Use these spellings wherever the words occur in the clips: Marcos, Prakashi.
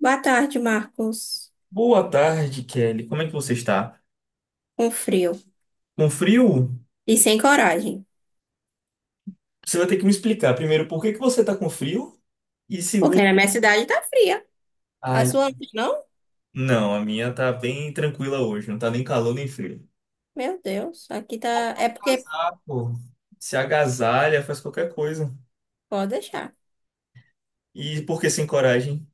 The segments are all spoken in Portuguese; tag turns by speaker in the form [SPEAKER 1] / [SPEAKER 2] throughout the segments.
[SPEAKER 1] Boa tarde, Marcos.
[SPEAKER 2] Boa tarde, Kelly. Como é que você está?
[SPEAKER 1] Com frio
[SPEAKER 2] Com frio?
[SPEAKER 1] e sem coragem.
[SPEAKER 2] Você vai ter que me explicar primeiro por que que você está com frio e segundo,
[SPEAKER 1] Porque na minha cidade tá fria. A
[SPEAKER 2] ai,
[SPEAKER 1] sua não?
[SPEAKER 2] não, a minha tá bem tranquila hoje, não tá nem calor nem frio.
[SPEAKER 1] Meu Deus, aqui tá.
[SPEAKER 2] Bota
[SPEAKER 1] É
[SPEAKER 2] um
[SPEAKER 1] porque
[SPEAKER 2] casaco. Se agasalha, faz qualquer coisa.
[SPEAKER 1] pode deixar.
[SPEAKER 2] E por que sem coragem?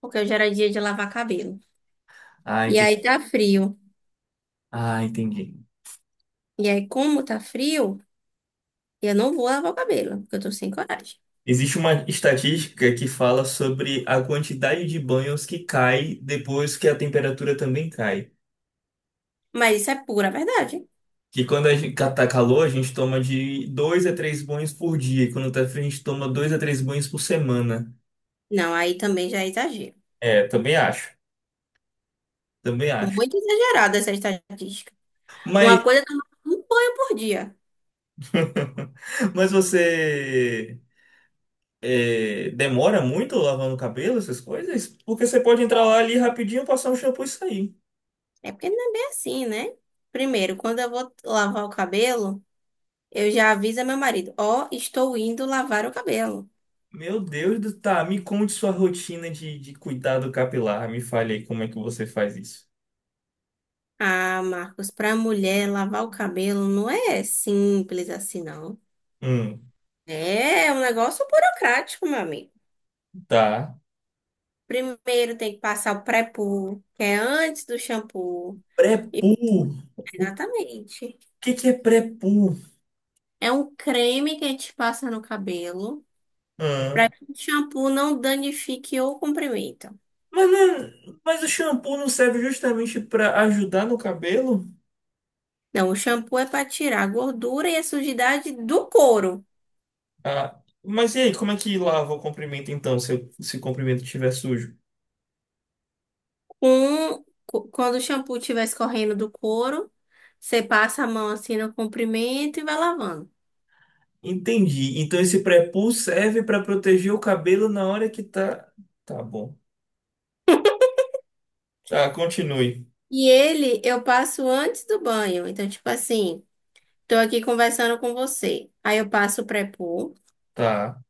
[SPEAKER 1] Porque hoje era dia de lavar cabelo.
[SPEAKER 2] Ah,
[SPEAKER 1] E
[SPEAKER 2] entendi.
[SPEAKER 1] aí tá frio.
[SPEAKER 2] Ah, entendi.
[SPEAKER 1] E aí, como tá frio, eu não vou lavar o cabelo, porque eu tô sem coragem.
[SPEAKER 2] Existe uma estatística que fala sobre a quantidade de banhos que cai depois que a temperatura também cai.
[SPEAKER 1] Mas isso é pura verdade.
[SPEAKER 2] Que quando a gente tá calor, a gente toma de dois a três banhos por dia. E quando tá frio, a gente toma dois a três banhos por semana.
[SPEAKER 1] Não, aí também já é exagero.
[SPEAKER 2] É, também acho. Também acho.
[SPEAKER 1] Muito exagerada essa estatística. Uma
[SPEAKER 2] Mas,
[SPEAKER 1] coisa é tomar um banho por dia.
[SPEAKER 2] mas você demora muito lavando o cabelo, essas coisas? Porque você pode entrar lá ali rapidinho, passar um shampoo e sair.
[SPEAKER 1] É porque não é bem assim, né? Primeiro, quando eu vou lavar o cabelo. Eu já aviso a meu marido, ó, estou indo lavar o cabelo.
[SPEAKER 2] Meu Deus do... Tá, me conte sua rotina de cuidado capilar. Me fale aí como é que você faz isso.
[SPEAKER 1] Ah, Marcos, para mulher lavar o cabelo não é simples assim, não.
[SPEAKER 2] Hum,
[SPEAKER 1] É um negócio burocrático, meu amigo.
[SPEAKER 2] tá.
[SPEAKER 1] Primeiro tem que passar o pré-poo, que é antes do shampoo. E-
[SPEAKER 2] Pré-poo. O
[SPEAKER 1] Exatamente.
[SPEAKER 2] que que é pré-poo?
[SPEAKER 1] É um creme que a gente passa no cabelo para que o shampoo não danifique ou comprometa.
[SPEAKER 2] Mas, o shampoo não serve justamente para ajudar no cabelo?
[SPEAKER 1] Não, o shampoo é para tirar a gordura e a sujidade do couro.
[SPEAKER 2] Ah, mas e aí, como é que lava o comprimento então, se o comprimento estiver sujo?
[SPEAKER 1] Quando o shampoo estiver escorrendo do couro, você passa a mão assim no comprimento e vai lavando.
[SPEAKER 2] Entendi. Então esse pré-poo serve para proteger o cabelo na hora que tá. Tá bom. Tá, continue.
[SPEAKER 1] E ele eu passo antes do banho. Então, tipo assim, tô aqui conversando com você. Aí eu passo o pré-poo
[SPEAKER 2] Tá.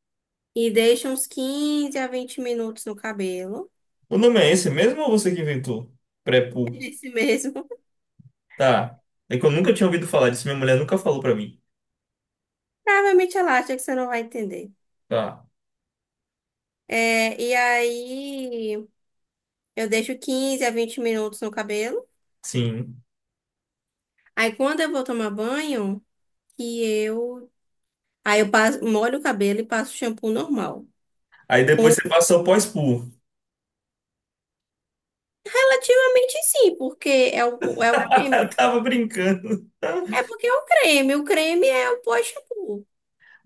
[SPEAKER 1] e deixo uns 15 a 20 minutos no cabelo.
[SPEAKER 2] O nome é esse mesmo ou você que inventou? Pré-poo.
[SPEAKER 1] É esse mesmo.
[SPEAKER 2] Tá. É que eu nunca tinha ouvido falar disso, minha mulher nunca falou para mim.
[SPEAKER 1] Provavelmente ela acha que você não vai entender.
[SPEAKER 2] Tá.
[SPEAKER 1] É, e aí eu deixo 15 a 20 minutos no cabelo.
[SPEAKER 2] Sim.
[SPEAKER 1] Aí quando eu vou tomar banho, que eu Aí eu passo, molho o cabelo e passo shampoo normal.
[SPEAKER 2] Aí
[SPEAKER 1] Hum,
[SPEAKER 2] depois você passou pós-poo.
[SPEAKER 1] Relativamente sim, porque é o creme.
[SPEAKER 2] Eu tava brincando.
[SPEAKER 1] É porque é o creme. O creme é o pós-shampoo.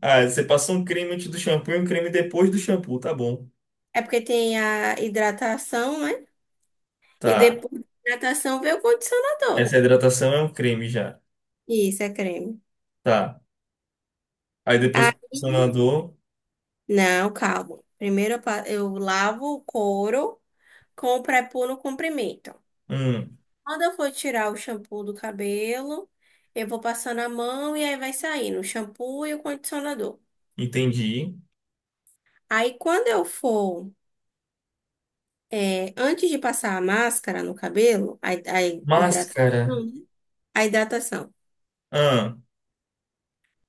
[SPEAKER 2] Ah, você passou um creme antes do shampoo e um creme depois do shampoo, tá bom.
[SPEAKER 1] É porque tem a hidratação, né? E
[SPEAKER 2] Tá.
[SPEAKER 1] depois da hidratação vem o condicionador.
[SPEAKER 2] Essa hidratação é um creme já.
[SPEAKER 1] Isso, é creme.
[SPEAKER 2] Tá. Aí depois o
[SPEAKER 1] Aí,
[SPEAKER 2] condicionador.
[SPEAKER 1] não, calma. Primeiro eu, eu lavo o couro com o pré-poo no comprimento.
[SPEAKER 2] Hum,
[SPEAKER 1] Quando eu for tirar o shampoo do cabelo, eu vou passando a mão e aí vai saindo o shampoo e o condicionador.
[SPEAKER 2] entendi.
[SPEAKER 1] Aí quando eu for, é, antes de passar a máscara no cabelo, a hidratação,
[SPEAKER 2] Máscara.
[SPEAKER 1] né? A hidratação,
[SPEAKER 2] Ah,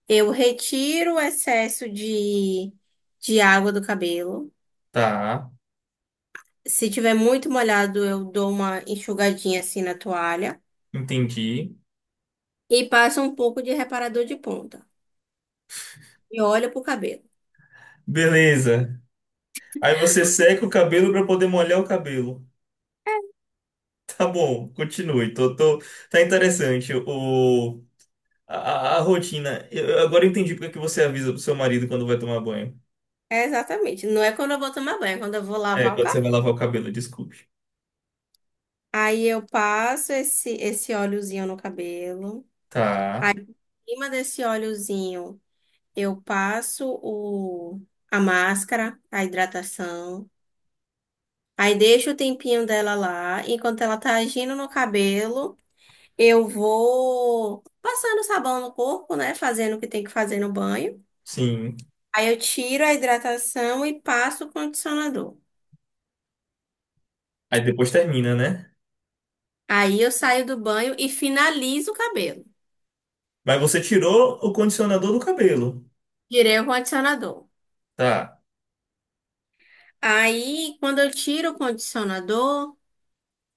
[SPEAKER 1] eu retiro o excesso de água do cabelo.
[SPEAKER 2] tá.
[SPEAKER 1] Se tiver muito molhado, eu dou uma enxugadinha assim na toalha
[SPEAKER 2] Entendi.
[SPEAKER 1] e passo um pouco de reparador de ponta. E olho pro cabelo.
[SPEAKER 2] Beleza. Aí você seca o cabelo para poder molhar o cabelo. Tá bom, continue. Tá interessante a rotina. Eu agora entendi porque que você avisa pro seu marido quando vai tomar banho.
[SPEAKER 1] É exatamente. Não é quando eu vou tomar banho, é quando eu vou
[SPEAKER 2] É,
[SPEAKER 1] lavar o
[SPEAKER 2] quando você
[SPEAKER 1] cabelo.
[SPEAKER 2] vai lavar o cabelo, desculpe.
[SPEAKER 1] Aí eu passo esse óleozinho no cabelo. Aí,
[SPEAKER 2] Tá.
[SPEAKER 1] em cima desse óleozinho. Eu passo a máscara, a hidratação. Aí deixo o tempinho dela lá. Enquanto ela tá agindo no cabelo, eu vou passando sabão no corpo, né? Fazendo o que tem que fazer no banho.
[SPEAKER 2] Sim.
[SPEAKER 1] Aí eu tiro a hidratação e passo o condicionador.
[SPEAKER 2] Aí depois termina, né?
[SPEAKER 1] Aí eu saio do banho e finalizo o cabelo.
[SPEAKER 2] Mas você tirou o condicionador do cabelo.
[SPEAKER 1] Tirei o condicionador.
[SPEAKER 2] Tá.
[SPEAKER 1] Aí, quando eu tiro o condicionador,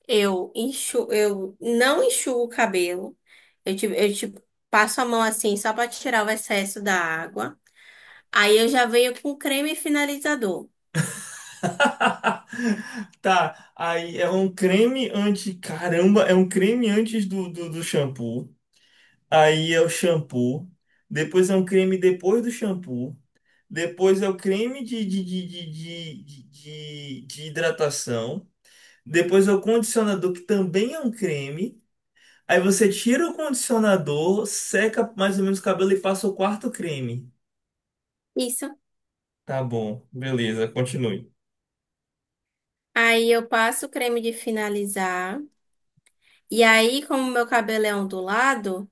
[SPEAKER 1] eu não enxuo o cabelo. Eu te passo a mão assim só pra tirar o excesso da água. Aí eu já venho com creme finalizador.
[SPEAKER 2] Tá. Aí é um creme anti. Caramba, é um creme antes do shampoo. Aí é o shampoo. Depois é um creme depois do shampoo. Depois é o creme de hidratação. Depois é o condicionador, que também é um creme. Aí você tira o condicionador, seca mais ou menos o cabelo e passa o quarto creme.
[SPEAKER 1] Isso.
[SPEAKER 2] Tá bom, beleza, continue.
[SPEAKER 1] Aí eu passo o creme de finalizar. E aí, como meu cabelo é ondulado,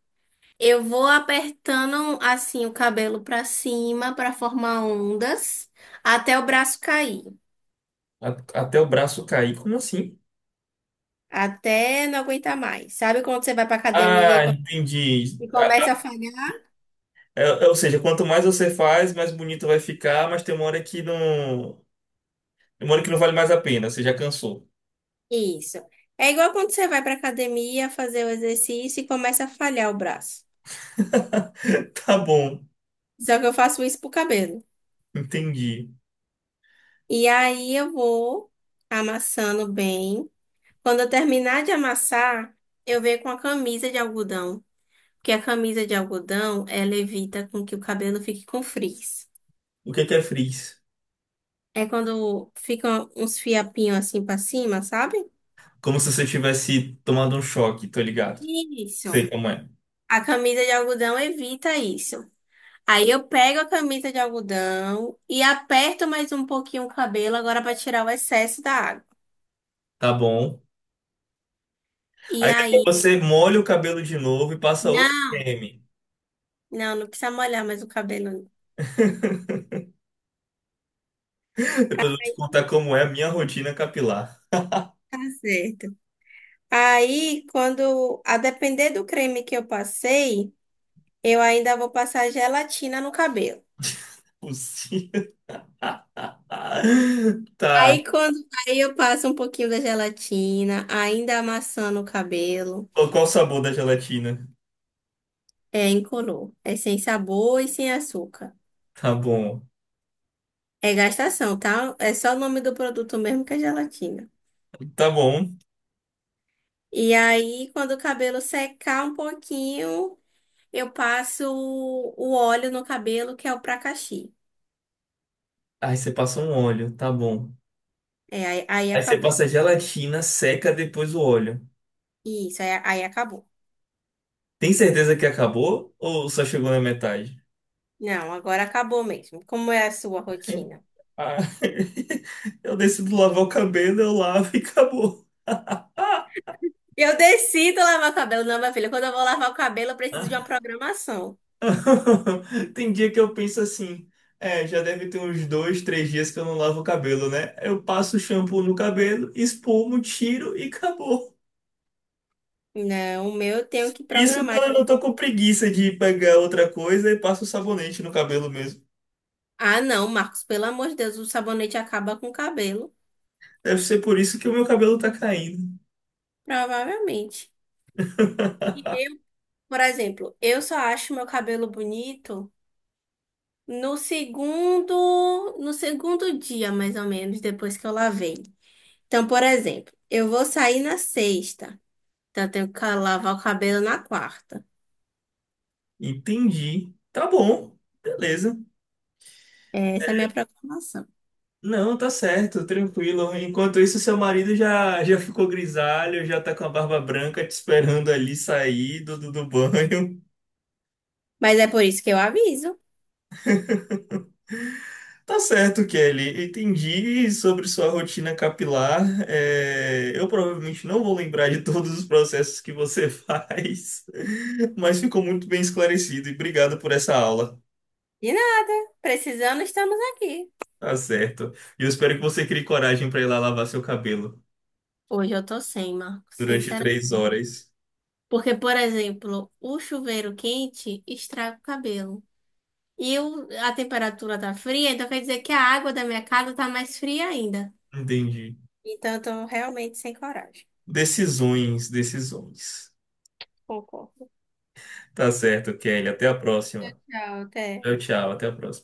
[SPEAKER 1] eu vou apertando assim o cabelo pra cima pra formar ondas até o braço cair.
[SPEAKER 2] Até o braço cair. Como assim?
[SPEAKER 1] Até não aguentar mais. Sabe quando você vai pra academia
[SPEAKER 2] Ah,
[SPEAKER 1] e,
[SPEAKER 2] entendi.
[SPEAKER 1] e
[SPEAKER 2] Ah,
[SPEAKER 1] começa a falhar?
[SPEAKER 2] ou seja, quanto mais você faz, mais bonito vai ficar, mas tem uma hora que não. Tem uma hora que não vale mais a pena, você já cansou.
[SPEAKER 1] Isso. É igual quando você vai pra academia fazer o exercício e começa a falhar o braço.
[SPEAKER 2] Tá bom,
[SPEAKER 1] Só que eu faço isso pro cabelo.
[SPEAKER 2] entendi.
[SPEAKER 1] E aí eu vou amassando bem. Quando eu terminar de amassar, eu venho com a camisa de algodão. Porque a camisa de algodão, ela evita com que o cabelo fique com frizz.
[SPEAKER 2] O que que é frizz?
[SPEAKER 1] É quando ficam uns fiapinhos assim pra cima, sabe?
[SPEAKER 2] Como se você tivesse tomado um choque, tô ligado. Sei
[SPEAKER 1] Isso.
[SPEAKER 2] como é.
[SPEAKER 1] A camisa de algodão evita isso. Aí eu pego a camisa de algodão e aperto mais um pouquinho o cabelo agora para tirar o excesso da água.
[SPEAKER 2] Tá bom.
[SPEAKER 1] E
[SPEAKER 2] Aí depois
[SPEAKER 1] aí,
[SPEAKER 2] você molha o cabelo de novo e passa outro
[SPEAKER 1] não.
[SPEAKER 2] creme.
[SPEAKER 1] Não, não precisa molhar mais o cabelo. Não.
[SPEAKER 2] Depois eu vou te contar como é a minha rotina capilar.
[SPEAKER 1] Tá certo. Aí, quando, a depender do creme que eu passei, eu ainda vou passar gelatina no cabelo.
[SPEAKER 2] Possível. Tá.
[SPEAKER 1] Aí quando, aí eu passo um pouquinho da gelatina, ainda amassando o cabelo.
[SPEAKER 2] Qual o sabor da gelatina?
[SPEAKER 1] É incolor, é sem sabor e sem açúcar.
[SPEAKER 2] Tá bom.
[SPEAKER 1] É gastação, tá? É só o nome do produto mesmo que é gelatina.
[SPEAKER 2] Tá bom.
[SPEAKER 1] E aí, quando o cabelo secar um pouquinho, eu passo o óleo no cabelo, que é o Prakashi.
[SPEAKER 2] Aí você passa um óleo, tá bom.
[SPEAKER 1] É, aí
[SPEAKER 2] Aí você
[SPEAKER 1] acabou.
[SPEAKER 2] passa a gelatina, seca depois o óleo.
[SPEAKER 1] Isso, aí acabou.
[SPEAKER 2] Tem certeza que acabou ou só chegou na metade?
[SPEAKER 1] Não, agora acabou mesmo. Como é a sua rotina?
[SPEAKER 2] Ah, eu decido lavar o cabelo, eu lavo e acabou. Ah!
[SPEAKER 1] Eu decido lavar o cabelo, não, minha filha. Quando eu vou lavar o cabelo, eu preciso de uma
[SPEAKER 2] Ah.
[SPEAKER 1] programação.
[SPEAKER 2] Tem dia que eu penso assim, já deve ter uns 2, 3 dias que eu não lavo o cabelo, né? Eu passo o shampoo no cabelo, espumo, tiro e acabou.
[SPEAKER 1] Não, o meu eu tenho que
[SPEAKER 2] Isso
[SPEAKER 1] programar.
[SPEAKER 2] quando eu não tô
[SPEAKER 1] Tipo,
[SPEAKER 2] com preguiça de pegar outra coisa e passo o sabonete no cabelo mesmo.
[SPEAKER 1] ah, não, Marcos, pelo amor de Deus, o sabonete acaba com o cabelo.
[SPEAKER 2] Deve ser por isso que o meu cabelo tá caindo.
[SPEAKER 1] Provavelmente. E eu, por exemplo, eu só acho meu cabelo bonito no segundo dia, mais ou menos, depois que eu lavei. Então, por exemplo, eu vou sair na sexta. Então, eu tenho que lavar o cabelo na quarta.
[SPEAKER 2] Entendi. Tá bom, beleza.
[SPEAKER 1] Essa é a minha preocupação.
[SPEAKER 2] Não, tá certo, tranquilo. Enquanto isso, seu marido já ficou grisalho, já tá com a barba branca te esperando ali sair do banho.
[SPEAKER 1] Mas é por isso que eu aviso.
[SPEAKER 2] Tá certo, Kelly. Entendi sobre sua rotina capilar. É, eu provavelmente não vou lembrar de todos os processos que você faz, mas ficou muito bem esclarecido e obrigado por essa aula.
[SPEAKER 1] E não, precisando, estamos aqui.
[SPEAKER 2] Tá certo. E eu espero que você crie coragem para ir lá lavar seu cabelo
[SPEAKER 1] Hoje eu tô sem, Marco,
[SPEAKER 2] durante
[SPEAKER 1] sinceramente.
[SPEAKER 2] 3 horas.
[SPEAKER 1] Porque, por exemplo, o chuveiro quente estraga o cabelo. A temperatura tá fria, então quer dizer que a água da minha casa tá mais fria ainda.
[SPEAKER 2] Entendi.
[SPEAKER 1] Então, eu tô realmente sem coragem.
[SPEAKER 2] Decisões, decisões.
[SPEAKER 1] Concordo.
[SPEAKER 2] Tá certo, Kelly. Até a próxima.
[SPEAKER 1] Tchau, até.
[SPEAKER 2] Tchau, tchau. Até a próxima.